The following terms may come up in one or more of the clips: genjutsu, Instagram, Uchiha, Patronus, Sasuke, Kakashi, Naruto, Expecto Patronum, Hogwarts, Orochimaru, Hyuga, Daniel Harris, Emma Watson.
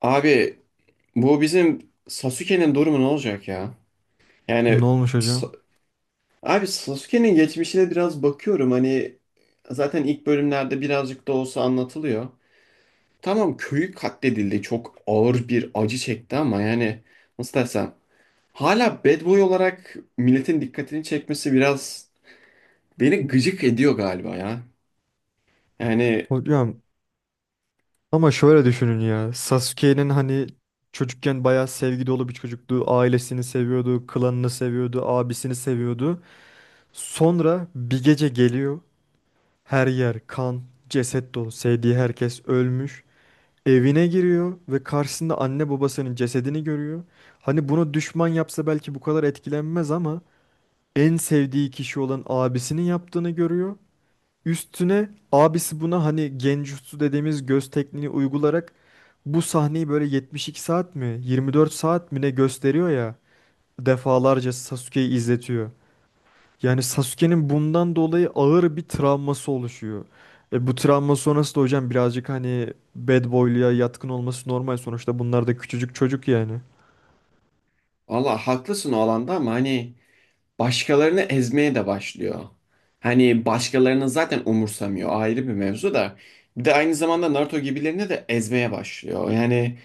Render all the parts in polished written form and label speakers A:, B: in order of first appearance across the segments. A: Abi bu bizim Sasuke'nin durumu ne olacak ya? Yani
B: Ne olmuş hocam?
A: Sa- abi Sasuke'nin geçmişine biraz bakıyorum, hani zaten ilk bölümlerde birazcık da olsa anlatılıyor. Tamam, köyü katledildi, çok ağır bir acı çekti, ama yani nasıl desem, hala bad boy olarak milletin dikkatini çekmesi biraz beni gıcık ediyor galiba ya. Yani
B: Hocam ama şöyle düşünün ya. Sasuke'nin hani çocukken bayağı sevgi dolu bir çocuktu. Ailesini seviyordu, klanını seviyordu, abisini seviyordu. Sonra bir gece geliyor. Her yer kan, ceset dolu. Sevdiği herkes ölmüş. Evine giriyor ve karşısında anne babasının cesedini görüyor. Hani bunu düşman yapsa belki bu kadar etkilenmez ama en sevdiği kişi olan abisinin yaptığını görüyor. Üstüne abisi buna hani genjutsu dediğimiz göz tekniğini uygularak bu sahneyi böyle 72 saat mi 24 saat mi ne gösteriyor ya, defalarca Sasuke'yi izletiyor. Yani Sasuke'nin bundan dolayı ağır bir travması oluşuyor. E bu travma sonrası da hocam birazcık hani bad boy'luya yatkın olması normal, sonuçta bunlar da küçücük çocuk yani.
A: valla haklısın o alanda, ama hani başkalarını ezmeye de başlıyor. Hani başkalarını zaten umursamıyor, ayrı bir mevzu da. Bir de aynı zamanda Naruto gibilerini de ezmeye başlıyor. Yani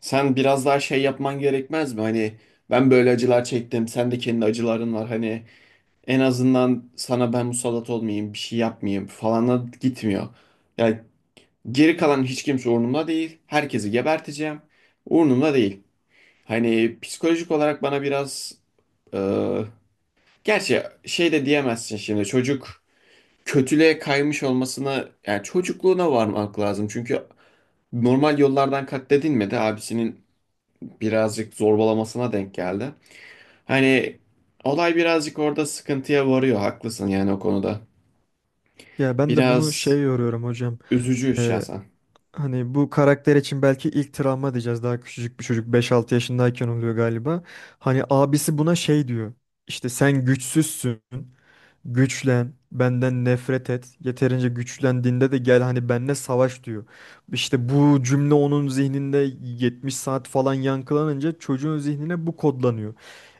A: sen biraz daha şey yapman gerekmez mi? Hani ben böyle acılar çektim, sen de kendi acıların var. Hani en azından sana ben musallat olmayayım, bir şey yapmayayım falana gitmiyor. Yani geri kalan hiç kimse umurumda değil. Herkesi geberteceğim. Umurumda değil. Hani psikolojik olarak bana biraz. Gerçi şey de diyemezsin, şimdi çocuk kötülüğe kaymış olmasına yani çocukluğuna varmak lazım. Çünkü normal yollardan katledilmedi. Abisinin birazcık zorbalamasına denk geldi. Hani olay birazcık orada sıkıntıya varıyor. Haklısın yani o konuda.
B: Ya ben de bunu
A: Biraz
B: şey yoruyorum hocam.
A: üzücü
B: E,
A: şahsen.
B: Hani bu karakter için belki ilk travma diyeceğiz. Daha küçücük bir çocuk beş altı yaşındayken oluyor galiba. Hani abisi buna şey diyor. İşte sen güçsüzsün. Güçlen. Benden nefret et. Yeterince güçlendiğinde de gel hani benimle savaş diyor. İşte bu cümle onun zihninde 70 saat falan yankılanınca çocuğun zihnine bu kodlanıyor.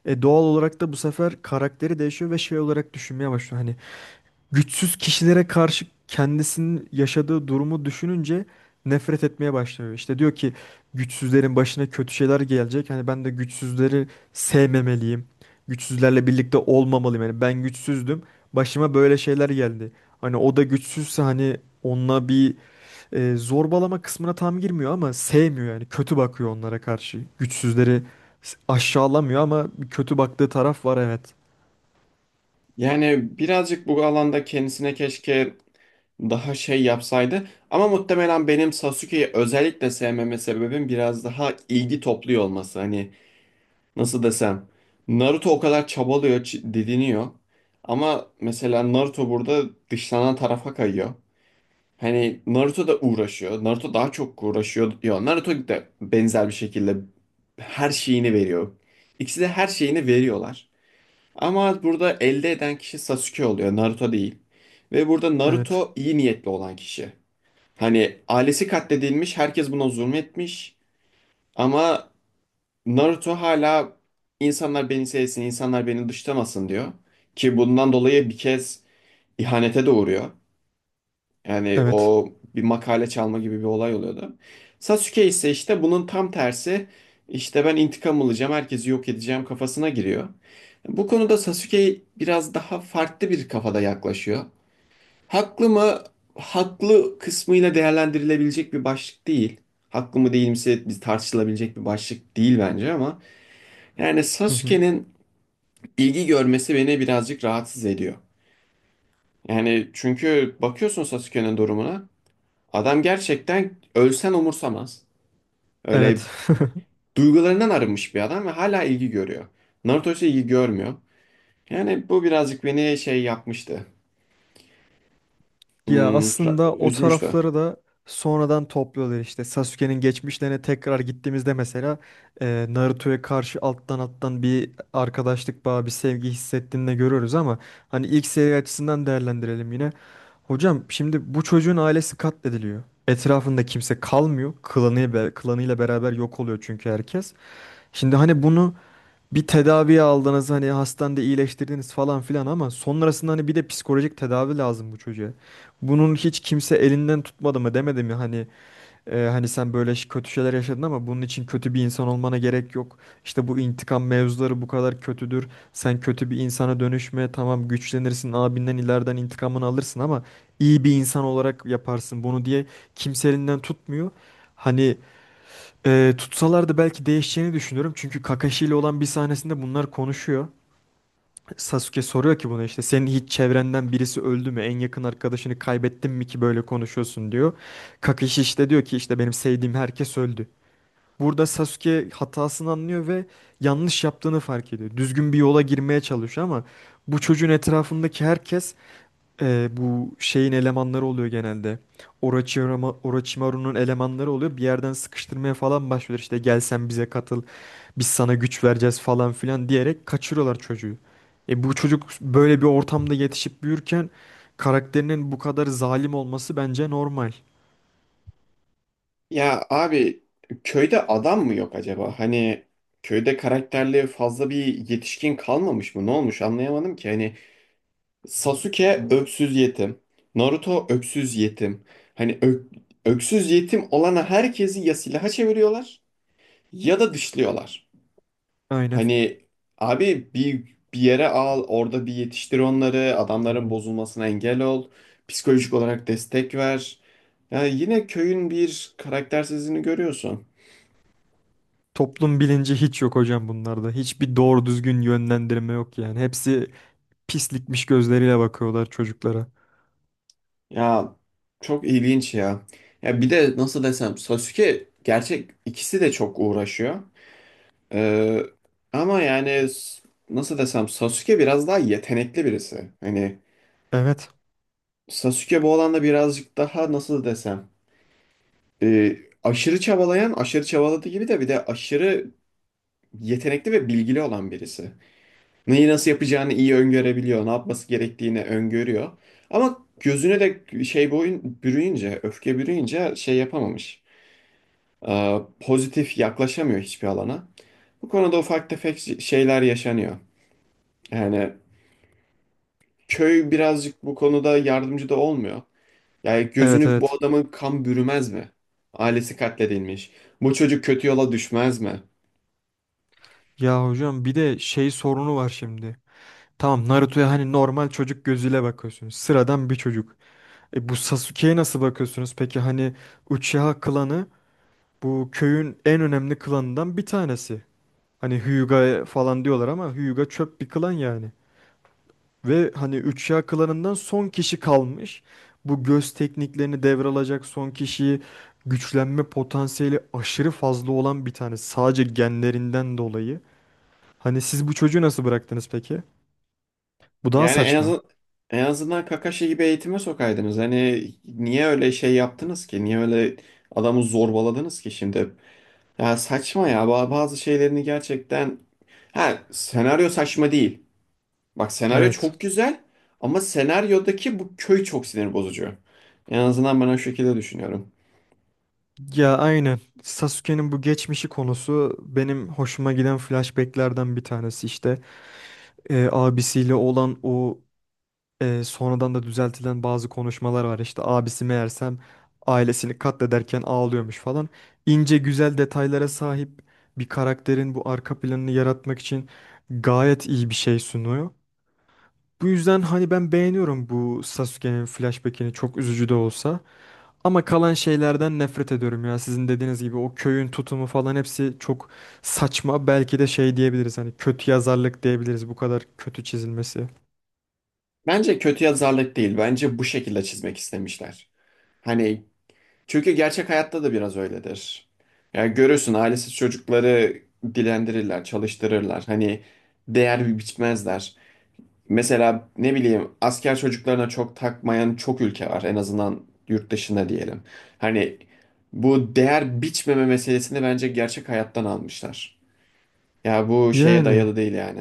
B: E doğal olarak da bu sefer karakteri değişiyor ve şey olarak düşünmeye başlıyor. Hani güçsüz kişilere karşı kendisinin yaşadığı durumu düşününce nefret etmeye başlıyor. İşte diyor ki güçsüzlerin başına kötü şeyler gelecek. Hani ben de güçsüzleri sevmemeliyim. Güçsüzlerle birlikte olmamalıyım. Yani ben güçsüzdüm. Başıma böyle şeyler geldi. Hani o da güçsüzse hani onunla bir zorbalama kısmına tam girmiyor ama sevmiyor yani. Kötü bakıyor onlara karşı. Güçsüzleri aşağılamıyor ama bir kötü baktığı taraf var, evet.
A: Yani birazcık bu alanda kendisine keşke daha şey yapsaydı. Ama muhtemelen benim Sasuke'yi özellikle sevmeme sebebim biraz daha ilgi topluyor olması. Hani nasıl desem, Naruto o kadar çabalıyor, didiniyor. Ama mesela Naruto burada dışlanan tarafa kayıyor. Hani Naruto da uğraşıyor. Naruto daha çok uğraşıyor. Ya Naruto da benzer bir şekilde her şeyini veriyor. İkisi de her şeyini veriyorlar. Ama burada elde eden kişi Sasuke oluyor, Naruto değil. Ve burada
B: Evet.
A: Naruto iyi niyetli olan kişi. Hani ailesi katledilmiş, herkes buna zulmetmiş. Ama Naruto hala insanlar beni sevsin, insanlar beni dışlamasın diyor. Ki bundan dolayı bir kez ihanete de uğruyor. Yani
B: Evet.
A: o bir makale çalma gibi bir olay oluyordu. Sasuke ise işte bunun tam tersi. İşte ben intikam alacağım, herkesi yok edeceğim kafasına giriyor. Bu konuda Sasuke biraz daha farklı bir kafada yaklaşıyor. Haklı mı? Haklı kısmıyla değerlendirilebilecek bir başlık değil. Haklı mı değil mi biz tartışılabilecek bir başlık değil bence, ama yani
B: Hı hı.
A: Sasuke'nin ilgi görmesi beni birazcık rahatsız ediyor. Yani çünkü bakıyorsun Sasuke'nin durumuna. Adam gerçekten ölsen umursamaz.
B: Evet.
A: Öyle duygularından arınmış bir adam ve hala ilgi görüyor. Naruto ise ilgi görmüyor. Yani bu birazcık beni şey yapmıştı.
B: Ya
A: Hmm,
B: aslında o
A: üzmüştü.
B: tarafları da sonradan topluyorlar işte. Sasuke'nin geçmişlerine tekrar gittiğimizde mesela Naruto'ya karşı alttan alttan bir arkadaşlık bağı, bir sevgi hissettiğini de görüyoruz ama hani ilk seri açısından değerlendirelim yine. Hocam şimdi bu çocuğun ailesi katlediliyor. Etrafında kimse kalmıyor. Klanı, klanıyla beraber yok oluyor çünkü herkes. Şimdi hani bunu bir tedavi aldınız, hani hastanede iyileştirdiniz falan filan ama sonrasında hani bir de psikolojik tedavi lazım bu çocuğa. Bunun hiç kimse elinden tutmadı mı, demedi mi hani hani sen böyle kötü şeyler yaşadın ama bunun için kötü bir insan olmana gerek yok. İşte bu intikam mevzuları bu kadar kötüdür. Sen kötü bir insana dönüşme, tamam güçlenirsin abinden ileriden intikamını alırsın ama iyi bir insan olarak yaparsın bunu diye kimse elinden tutmuyor. Hani tutsalar da belki değişeceğini düşünüyorum. Çünkü Kakashi ile olan bir sahnesinde bunlar konuşuyor. Sasuke soruyor ki buna işte senin hiç çevrenden birisi öldü mü? En yakın arkadaşını kaybettin mi ki böyle konuşuyorsun diyor. Kakashi işte diyor ki işte benim sevdiğim herkes öldü. Burada Sasuke hatasını anlıyor ve yanlış yaptığını fark ediyor. Düzgün bir yola girmeye çalışıyor ama bu çocuğun etrafındaki herkes bu şeyin elemanları oluyor genelde. Orochimaru, Orochimaru'nun elemanları oluyor. Bir yerden sıkıştırmaya falan başlıyor. İşte gel sen bize katıl. Biz sana güç vereceğiz falan filan diyerek kaçırıyorlar çocuğu. E bu çocuk böyle bir ortamda yetişip büyürken karakterinin bu kadar zalim olması bence normal.
A: Ya abi köyde adam mı yok acaba? Hani köyde karakterli fazla bir yetişkin kalmamış mı? Ne olmuş anlayamadım ki. Hani Sasuke öksüz yetim. Naruto öksüz yetim. Hani öksüz yetim olana herkesi ya silaha çeviriyorlar ya da dışlıyorlar.
B: Aynen.
A: Hani abi bir yere al, orada bir yetiştir onları, adamların bozulmasına engel ol, psikolojik olarak destek ver. Ya yine köyün bir karaktersizliğini görüyorsun.
B: Toplum bilinci hiç yok hocam bunlarda. Hiçbir doğru düzgün yönlendirme yok yani. Hepsi pislikmiş gözleriyle bakıyorlar çocuklara.
A: Ya çok ilginç ya. Ya bir de nasıl desem, Sasuke gerçek ikisi de çok uğraşıyor. Ee, ama yani nasıl desem, Sasuke biraz daha yetenekli birisi. Hani
B: Evet.
A: Sasuke bu alanda birazcık daha nasıl desem, e, aşırı çabalayan, aşırı çabaladığı gibi de bir de aşırı yetenekli ve bilgili olan birisi. Neyi nasıl yapacağını iyi öngörebiliyor, ne yapması gerektiğini öngörüyor. Ama gözüne de şey boyun bürüyünce, öfke bürüyünce şey yapamamış. Pozitif yaklaşamıyor hiçbir alana. Bu konuda ufak tefek şeyler yaşanıyor. Yani köy birazcık bu konuda yardımcı da olmuyor. Yani
B: Evet,
A: gözünü bu
B: evet.
A: adamın kan bürümez mi? Ailesi katledilmiş. Bu çocuk kötü yola düşmez mi?
B: Ya hocam bir de şey sorunu var şimdi. Tamam, Naruto'ya hani normal çocuk gözüyle bakıyorsunuz. Sıradan bir çocuk. E bu Sasuke'ye nasıl bakıyorsunuz? Peki hani Uchiha klanı bu köyün en önemli klanından bir tanesi. Hani Hyuga falan diyorlar ama Hyuga çöp bir klan yani. Ve hani üç Uchiha klanından son kişi kalmış. Bu göz tekniklerini devralacak son kişiyi, güçlenme potansiyeli aşırı fazla olan bir tane. Sadece genlerinden dolayı. Hani siz bu çocuğu nasıl bıraktınız peki? Bu daha
A: Yani en azından,
B: saçma.
A: en azından Kakashi gibi eğitime sokaydınız. Hani niye öyle şey yaptınız ki? Niye öyle adamı zorbaladınız ki şimdi? Ya saçma ya. Bazı şeylerini gerçekten, ha, senaryo saçma değil. Bak, senaryo
B: Evet.
A: çok güzel, ama senaryodaki bu köy çok sinir bozucu. En azından ben o şekilde düşünüyorum.
B: Ya aynen. Sasuke'nin bu geçmişi konusu benim hoşuma giden flashbacklerden bir tanesi işte. Abisiyle olan o sonradan da düzeltilen bazı konuşmalar var. İşte abisi meğersem ailesini katlederken ağlıyormuş falan. İnce güzel detaylara sahip bir karakterin bu arka planını yaratmak için gayet iyi bir şey sunuyor. Bu yüzden hani ben beğeniyorum bu Sasuke'nin flashback'ini, çok üzücü de olsa. Ama kalan şeylerden nefret ediyorum ya. Sizin dediğiniz gibi o köyün tutumu falan hepsi çok saçma. Belki de şey diyebiliriz, hani kötü yazarlık diyebiliriz bu kadar kötü çizilmesi.
A: Bence kötü yazarlık değil. Bence bu şekilde çizmek istemişler. Hani çünkü gerçek hayatta da biraz öyledir. Yani görürsün, ailesiz çocukları dilendirirler, çalıştırırlar. Hani değer biçmezler. Mesela ne bileyim, asker çocuklarına çok takmayan çok ülke var. En azından yurt dışında diyelim. Hani bu değer biçmeme meselesini bence gerçek hayattan almışlar. Ya bu şeye
B: Yani
A: dayalı değil yani.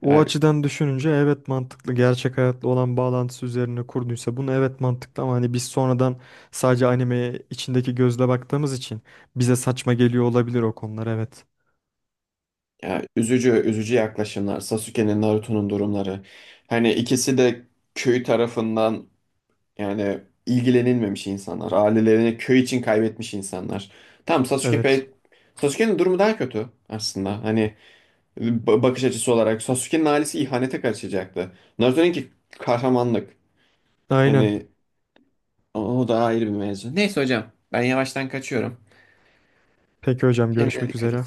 B: o açıdan düşününce evet, mantıklı. Gerçek hayatla olan bağlantısı üzerine kurduysa bunu, evet mantıklı ama hani biz sonradan sadece animeye içindeki gözle baktığımız için bize saçma geliyor olabilir o konular, evet.
A: Ya üzücü üzücü yaklaşımlar. Sasuke'nin, Naruto'nun durumları. Hani ikisi de köy tarafından yani ilgilenilmemiş insanlar. Ailelerini köy için kaybetmiş insanlar. Tamam Sasuke
B: Evet.
A: pek. Sasuke'nin durumu daha kötü aslında. Hani bakış açısı olarak Sasuke'nin ailesi ihanete karışacaktı. Naruto'nunki kahramanlık.
B: Aynen.
A: Hani o da ayrı bir mevzu. Neyse hocam, ben yavaştan kaçıyorum.
B: Peki hocam,
A: Kendine
B: görüşmek
A: dikkat
B: üzere.
A: et.